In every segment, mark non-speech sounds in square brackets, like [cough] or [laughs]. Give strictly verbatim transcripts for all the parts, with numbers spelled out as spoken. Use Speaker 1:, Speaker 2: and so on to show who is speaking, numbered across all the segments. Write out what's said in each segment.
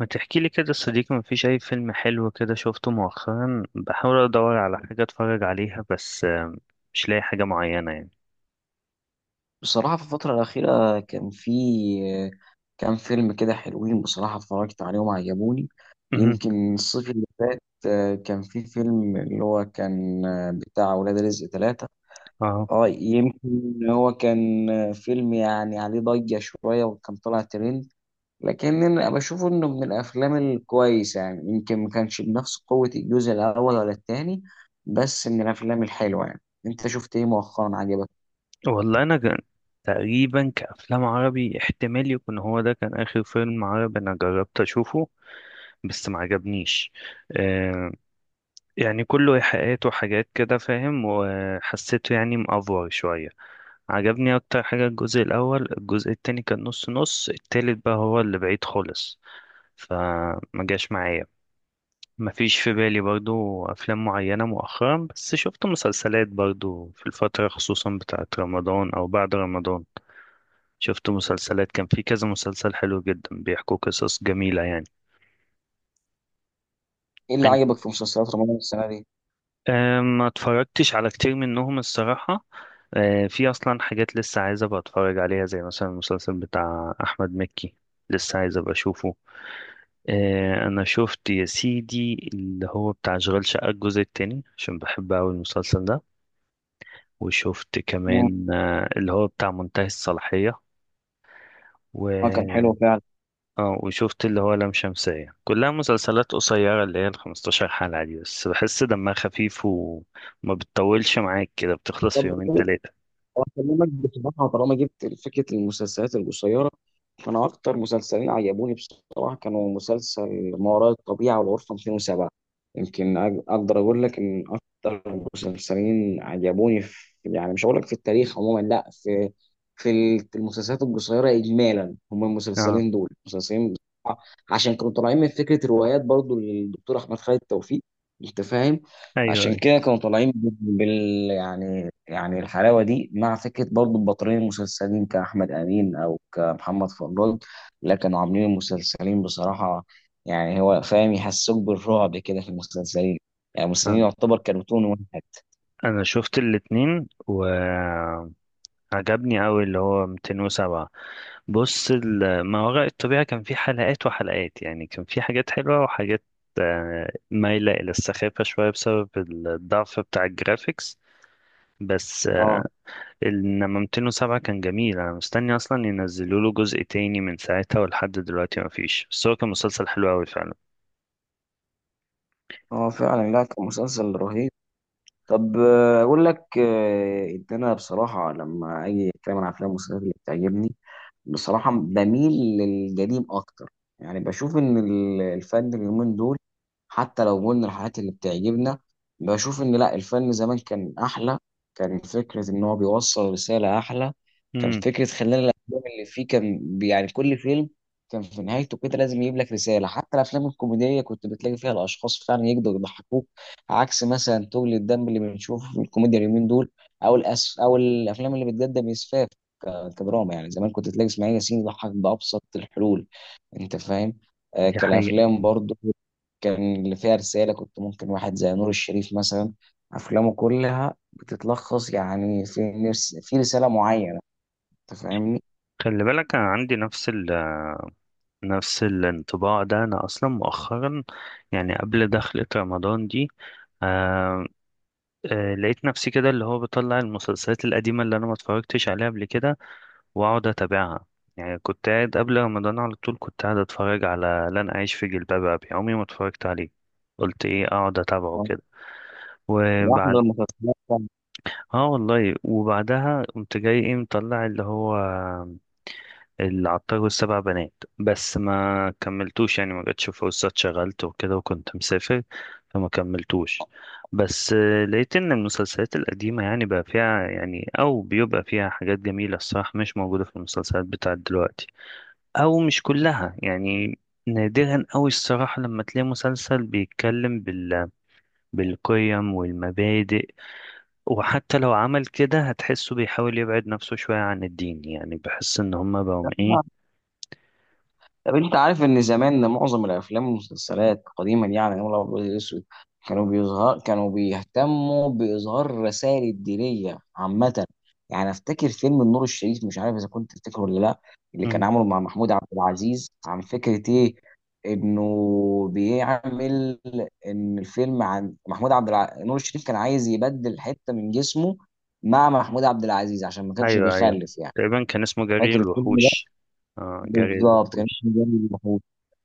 Speaker 1: ما تحكي لي كده يا صديقي، ما فيش اي فيلم حلو كده شفته مؤخرا. بحاول ادور على حاجه اتفرج عليها بس آه، مش لاقي حاجه معينه يعني.
Speaker 2: بصراحة في الفترة الأخيرة كان في كام فيلم كده حلوين بصراحة اتفرجت عليهم عجبوني.
Speaker 1: مهم.
Speaker 2: يمكن الصيف اللي فات آه، كان في فيلم اللي هو كان آه، بتاع ولاد رزق ثلاثة.
Speaker 1: اه
Speaker 2: اه يمكن هو كان آه، فيلم يعني عليه ضجة شوية وكان طلع ترند، لكن أنا بشوفه إنه من الأفلام الكويسة، يعني يمكن ما كانش بنفس قوة الجزء الأول ولا التاني، بس من الأفلام الحلوة يعني. أنت شفت إيه مؤخرا عجبك؟
Speaker 1: والله انا جن... تقريبا كافلام عربي احتمال يكون هو ده كان اخر فيلم عربي انا جربت اشوفه، بس ما عجبنيش. آه، يعني كله ايحاءات وحاجات كده فاهم، وحسيته يعني مأفور شويه. عجبني اكتر حاجه الجزء الاول، الجزء التاني كان نص نص، التالت بقى هو اللي بعيد خالص، فما جاش معايا. ما فيش في بالي برضو افلام معينة مؤخرا، بس شفت مسلسلات برضو في الفترة، خصوصا بتاعت رمضان او بعد رمضان. شفت مسلسلات، كان في كذا مسلسل حلو جدا بيحكوا قصص جميلة يعني.
Speaker 2: إيه اللي
Speaker 1: انت.
Speaker 2: عجبك في مسلسلات رمضان السنة دي؟
Speaker 1: آه، ما اتفرجتش على كتير منهم الصراحة. آه، في اصلا حاجات لسه عايز ابقى اتفرج عليها، زي مثلا المسلسل بتاع احمد مكي، لسه عايز ابقى اشوفه. آه، انا شفت يا سيدي اللي هو بتاع اشغال شقة الجزء التاني، عشان بحب اوي المسلسل ده. وشفت
Speaker 2: اه،
Speaker 1: كمان آه، اللي هو بتاع منتهي الصلاحية
Speaker 2: كان
Speaker 1: و...
Speaker 2: حلو فعلا.
Speaker 1: اه. وشفت اللي هو لام شمسية، كلها مسلسلات قصيرة اللي هي ال خمسة عشر حلقة دي، بس بحس دمها خفيف وما بتطولش معاك كده، بتخلص في
Speaker 2: طب
Speaker 1: يومين تلاتة.
Speaker 2: أكلمك بصراحة، طالما جبت فكرة المسلسلات القصيرة، فأنا أكتر مسلسلين عجبوني بصراحة كانوا مسلسل ما وراء الطبيعة والغرفة مئتين وسبعة. يمكن أج- أقدر أقول لك إن أكتر مسلسلين عجبوني في، يعني مش هقول لك في التاريخ عموما لا، في في ال- في المسلسلات القصيرة إجمالا هم
Speaker 1: اه.
Speaker 2: المسلسلين دول مسلسلين بصراحة، عشان كانوا طالعين من فكرة روايات برضو للدكتور أحمد خالد توفيق. أنت فاهم؟
Speaker 1: ايوه
Speaker 2: عشان
Speaker 1: ايوه.
Speaker 2: كده كانوا طالعين بال بال- يعني يعني الحلاوة دي مع فكرة برضو البطلين المسلسلين كأحمد أمين أو كمحمد فضل، لكن عاملين المسلسلين بصراحة، يعني هو فاهم يحسوك بالرعب كده في المسلسلين. يعني المسلسلين
Speaker 1: آه.
Speaker 2: يعتبر كرتون واحد.
Speaker 1: انا شفت الاتنين و... عجبني قوي اللي هو اتنين صفر سبعة. بص، ال- ما وراء الطبيعة كان في حلقات وحلقات، يعني كان في حاجات حلوة وحاجات آه، مايلة إلى السخافة شوية بسبب الضعف بتاع الجرافيكس، بس
Speaker 2: اه،
Speaker 1: آه،. إنما مئتين وسبعة كان جميل، أنا مستني أصلا ينزلوا له جزء تاني من ساعتها ولحد دلوقتي ما فيش، بس هو كان مسلسل حلو قوي فعلا.
Speaker 2: اه فعلا، لا كان مسلسل رهيب. طب آه، أقول لك آه، إن أنا بصراحة لما أجي أتكلم عن أفلام ومسلسلات اللي بتعجبني، بصراحة بميل للقديم أكتر. يعني بشوف إن ال- الفن اليومين دول، حتى لو قلنا الحاجات اللي بتعجبنا، بشوف إن لأ الفن زمان كان أحلى. كان فكرة إن هو بيوصل رسالة أحلى. كان
Speaker 1: امم.
Speaker 2: فكرة خلال الأفلام اللي فيه، كان بي- يعني كل فيلم كان في نهايته كده لازم يجيب لك رسالة. حتى الأفلام الكوميدية كنت بتلاقي فيها الأشخاص فعلا يقدروا يضحكوك، عكس مثلا تغلي الدم اللي بنشوفه في الكوميديا اليومين دول، أو الأس أو الأفلام اللي بتقدم إسفاف كدراما. يعني زمان كنت تلاقي اسماعيل ياسين يضحك بأبسط الحلول، أنت فاهم؟ آه
Speaker 1: دي حقيقة.
Speaker 2: كالأفلام برضو كان اللي فيها رسالة. كنت ممكن واحد زي نور الشريف مثلا أفلامه كلها بتتلخص يعني في نفس في رسالة معينة. أنت فاهمني؟
Speaker 1: خلي بالك أنا عندي نفس نفس الانطباع ده. أنا أصلا مؤخرا، يعني قبل دخلة رمضان دي، آه آه لقيت نفسي كده اللي هو بطلع المسلسلات القديمة اللي أنا ما اتفرجتش عليها قبل كده وأقعد أتابعها. يعني كنت قاعد قبل رمضان، على طول كنت قاعد أتفرج على لن أعيش في جلباب أبي، عمري ما اتفرجت عليه. قلت إيه، أقعد أتابعه كده.
Speaker 2: واحنا
Speaker 1: وبعد.
Speaker 2: المسلسلات،
Speaker 1: اه والله، وبعدها قمت جاي ايه مطلع اللي هو العطار والسبع بنات. بس ما كملتوش، يعني ما جاتش فرصة، اتشغلت وكده وكنت مسافر، فما كملتوش. بس آه، لقيت ان المسلسلات القديمة يعني بقى فيها يعني او بيبقى فيها حاجات جميلة الصراحة، مش موجودة في المسلسلات بتاعت دلوقتي، او مش كلها يعني. نادرا أوي الصراحة لما تلاقي مسلسل بيتكلم بال... بالقيم والمبادئ. وحتى لو عمل كده هتحسه بيحاول يبعد نفسه شوية عن الدين، يعني بحس ان هما بقوا ايه.
Speaker 2: طب انت عارف ان زمان معظم الافلام والمسلسلات قديما يعني نقول ابيض الاسود، كانوا بيظهر كانوا بيهتموا باظهار رسائل الدينيه عامه. يعني افتكر فيلم النور الشريف، مش عارف اذا كنت تفتكره ولا لا، اللي كان عامله مع محمود عبد العزيز، عن فكره ايه، انه بيعمل، ان الفيلم عن محمود عبد الع... نور الشريف كان عايز يبدل حته من جسمه مع محمود عبد العزيز عشان ما كانش
Speaker 1: ايوه ايوه.
Speaker 2: بيخلف يعني.
Speaker 1: تقريبا كان اسمه جري
Speaker 2: فاكر الفيلم ده؟
Speaker 1: الوحوش. اه جري
Speaker 2: بالظبط كان
Speaker 1: الوحوش.
Speaker 2: اسمه. جامد.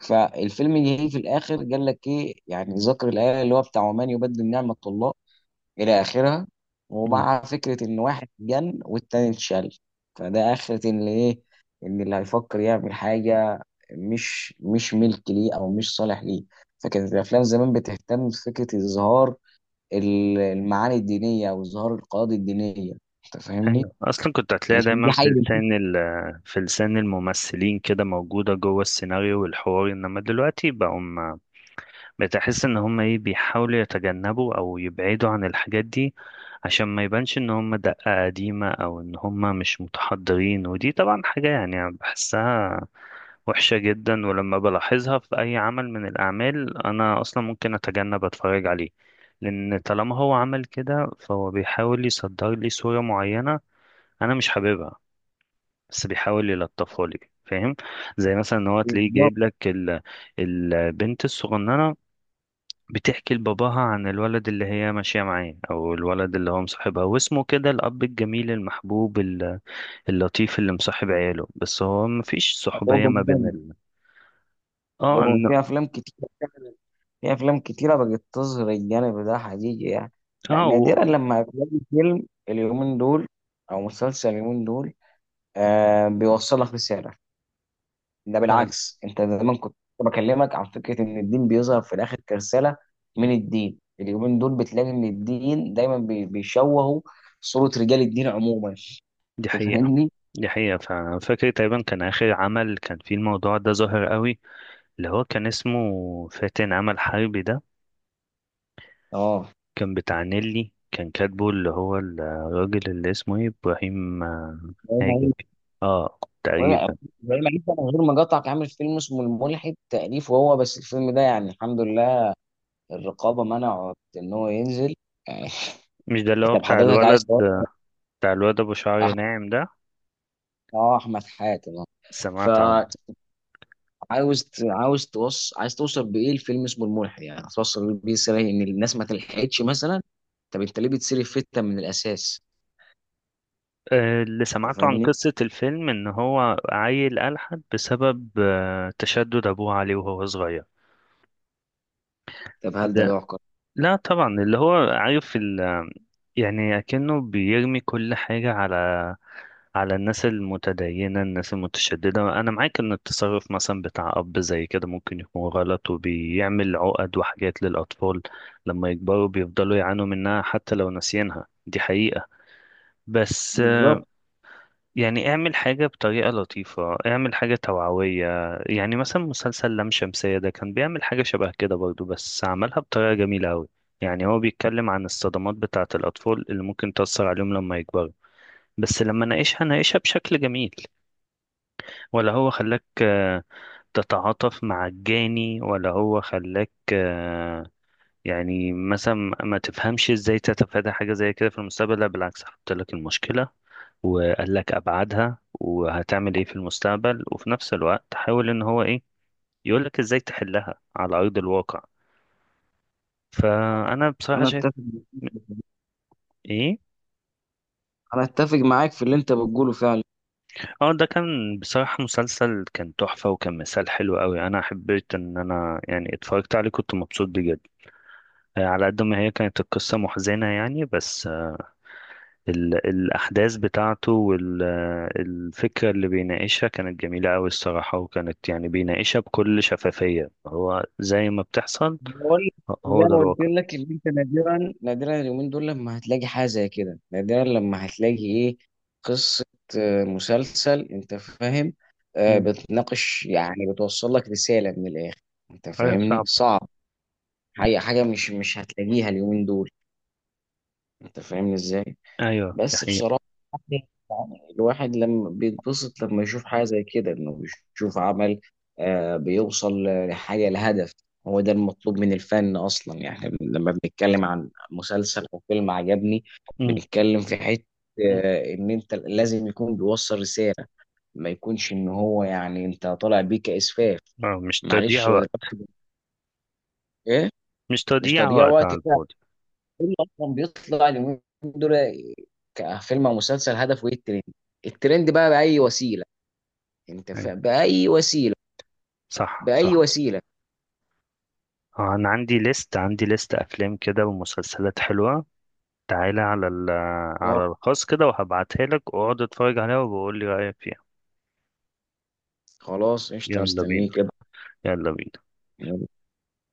Speaker 2: فالفيلم ينتهي في الاخر قال لك ايه، يعني ذكر الايه اللي هو بتاع ومن يبدل نعمه الله الى اخرها،
Speaker 1: مم.
Speaker 2: ومع فكره ان واحد جن والتاني اتشل. فده اخره ان ايه، ان اللي هيفكر يعمل حاجه مش مش ملك ليه او مش صالح ليه. فكانت الافلام زمان بتهتم بفكره اظهار ال- المعاني الدينيه او اظهار القواعد الدينيه. انت فاهمني؟
Speaker 1: ايوه، اصلا كنت هتلاقي
Speaker 2: يمكن دي
Speaker 1: دايما في
Speaker 2: حاجه،
Speaker 1: لسان ال- في لسان الممثلين كده، موجوده جوه السيناريو والحوار، انما دلوقتي بقوا. بتحس ان هم ايه بيحاولوا يتجنبوا او يبعدوا عن الحاجات دي، عشان ما يبانش ان هم دقة قديمة او ان هم مش متحضرين. ودي طبعا حاجة يعني بحسها وحشة جدا، ولما بلاحظها في اي عمل من الاعمال انا اصلا ممكن اتجنب اتفرج عليه، لان طالما هو عمل كده فهو بيحاول يصدر لي صورة معينة انا مش حاببها، بس بيحاول يلطفها لي، فاهم. زي مثلا ان هو تلاقيه
Speaker 2: بالظبط
Speaker 1: جايب لك ال- البنت الصغننة بتحكي لباباها عن الولد اللي هي ماشية معاه، أو الولد اللي هو مصاحبها واسمه كده، الأب الجميل المحبوب ال- اللطيف اللي مصاحب عياله، بس هو مفيش
Speaker 2: هتبقى
Speaker 1: صحوبية ما بين
Speaker 2: مهمة.
Speaker 1: ال... اه
Speaker 2: لو
Speaker 1: إن-
Speaker 2: في افلام كتير، في افلام كتيره بقت تظهر الجانب ده حقيقي يعني. لا
Speaker 1: اه و...
Speaker 2: نادرا لما هتلاقي فيلم اليومين دول او مسلسل اليومين دول آه بيوصل لك رساله. ده
Speaker 1: فعلا.
Speaker 2: بالعكس، انت زمان كنت بكلمك عن فكره ان الدين بيظهر في الاخر كرساله من الدين، اليومين دول بتلاقي ان الدين دايما بي- بيشوهوا صوره رجال الدين عموما.
Speaker 1: دي
Speaker 2: انت
Speaker 1: حقيقة.
Speaker 2: فاهمني؟
Speaker 1: دي حقيقة فعلا. فاكر تقريبا كان آخر عمل كان فيه الموضوع ده ظاهر قوي، اللي هو كان اسمه فاتن عمل حربي ده.
Speaker 2: اه،
Speaker 1: كان بتاع نيلي، كان كاتبه اللي هو الراجل اللي اسمه ايه إبراهيم آه،
Speaker 2: ابراهيم
Speaker 1: حاجة
Speaker 2: عيد.
Speaker 1: كده. اه
Speaker 2: ابراهيم
Speaker 1: تقريبا.
Speaker 2: عيد ده من غير ما اقاطعك عامل فيلم اسمه الملحد تأليف وهو، بس الفيلم ده يعني الحمد لله الرقابه منعت ان هو ينزل يعني.
Speaker 1: مش ده اللي
Speaker 2: [laughs]
Speaker 1: هو
Speaker 2: طب
Speaker 1: بتاع
Speaker 2: حضرتك عايز
Speaker 1: الولد،
Speaker 2: تقول-
Speaker 1: بتاع الواد ابو شعر
Speaker 2: أح-
Speaker 1: ناعم ده.
Speaker 2: اه احمد حاتم آه.
Speaker 1: سمعت عنه.
Speaker 2: فعاوز ت- عاوز توصل، عايز توصل بايه؟ الفيلم اسمه الملحد، يعني هتوصل بيه رساله ان الناس ما تلحقتش مثلا. طب انت ليه بتصير الفتة من الاساس؟
Speaker 1: آه، اللي
Speaker 2: انت
Speaker 1: سمعته عن
Speaker 2: فاهمني؟
Speaker 1: قصة الفيلم ان هو عيل ألحد بسبب آه، تشدد ابوه عليه وهو صغير.
Speaker 2: طب هل ده
Speaker 1: ده.
Speaker 2: يعقل؟
Speaker 1: لا طبعا، اللي هو عارف ال... يعني اكنه بيرمي كل حاجة على على الناس المتدينة، الناس المتشددة. أنا معاك إن التصرف مثلا بتاع أب زي كده ممكن يكون غلط، وبيعمل عقد وحاجات للأطفال لما يكبروا بيفضلوا يعانوا منها حتى لو ناسيينها، دي حقيقة. بس آه،.
Speaker 2: بالظبط.
Speaker 1: يعني اعمل حاجة بطريقة لطيفة، اعمل حاجة توعوية. يعني مثلا مسلسل لام شمسية ده كان بيعمل حاجة شبه كده برضو، بس عملها بطريقة جميلة أوي. يعني هو بيتكلم عن الصدمات بتاعة الأطفال اللي ممكن تأثر عليهم لما يكبروا، بس لما ناقشها ناقشها بشكل جميل. ولا هو خلاك آه، تتعاطف مع الجاني، ولا هو خلاك يعني مثلا ما تفهمش ازاي تتفادى حاجة زي كده في المستقبل. لا بالعكس، حط لك المشكلة وقال لك ابعادها وهتعمل ايه في المستقبل، وفي نفس الوقت حاول ان هو ايه يقول لك ازاي تحلها على ارض الواقع. فانا بصراحة
Speaker 2: انا
Speaker 1: شايف.
Speaker 2: اتفق،
Speaker 1: ايه.
Speaker 2: انا اتفق معاك في اللي انت بتقوله فعلا.
Speaker 1: اه، ده كان بصراحة مسلسل كان تحفة، وكان مثال حلو قوي. انا حبيت ان انا يعني اتفرجت عليه، كنت مبسوط بيه جدا. آه، على قد ما هي كانت القصة محزنة يعني، بس ال- الأحداث بتاعته والفكرة اللي بيناقشها كانت جميلة أوي الصراحة، وكانت يعني بيناقشها بكل شفافية هو زي ما بتحصل.
Speaker 2: بقول زي
Speaker 1: هو ده
Speaker 2: ما قلت
Speaker 1: الواقع.
Speaker 2: لك، اللي انت نادرا نادرا اليومين دول لما هتلاقي حاجه زي كده، نادرا لما هتلاقي ايه، قصه، آه، مسلسل، انت فاهم، آه،
Speaker 1: مم.
Speaker 2: بتناقش، يعني بتوصل لك رساله من الاخر. انت
Speaker 1: أيوة
Speaker 2: فاهمني؟
Speaker 1: صعب.
Speaker 2: صعب. حاجه حاجه مش مش هتلاقيها اليومين دول. انت فاهمني ازاي؟
Speaker 1: أيوه دي
Speaker 2: بس بصراحة،
Speaker 1: حقيقة.
Speaker 2: يعني الواحد لما بيتبسط لما يشوف حاجة زي كده، انه بيشوف عمل آه بيوصل لحاجة لهدف. هو ده المطلوب من الفن اصلا. يعني لما بنتكلم عن مسلسل او فيلم عجبني،
Speaker 1: مم.
Speaker 2: بنتكلم في حتة، مم. آه ان انت لازم يكون بيوصل رسالة، ما يكونش ان هو يعني انت طالع بيه كإسفاف.
Speaker 1: آه، مش تضييع
Speaker 2: معلش هو
Speaker 1: وقت.
Speaker 2: دلوقتي ايه،
Speaker 1: مش
Speaker 2: مش
Speaker 1: تضييع
Speaker 2: تضييع
Speaker 1: وقت
Speaker 2: وقت،
Speaker 1: على الفاضي.
Speaker 2: اللي اصلا بيطلع اليومين دول كفيلم او مسلسل هدفه ايه؟ الترند. الترند بقى باي وسيله. يعني انت
Speaker 1: أيوة.
Speaker 2: فا... باي وسيله،
Speaker 1: صح
Speaker 2: باي
Speaker 1: صح.
Speaker 2: وسيله.
Speaker 1: آه، أنا عندي ليست، عندي ليست أفلام كده ومسلسلات حلوة. تعالى على ال-
Speaker 2: آه،
Speaker 1: على الخاص كده، وهبعتها لك واقعد اتفرج عليها وبقول لي رأيك فيها.
Speaker 2: خلاص قشطه
Speaker 1: يلا بينا.
Speaker 2: مستنيك
Speaker 1: يلا بينا.
Speaker 2: كده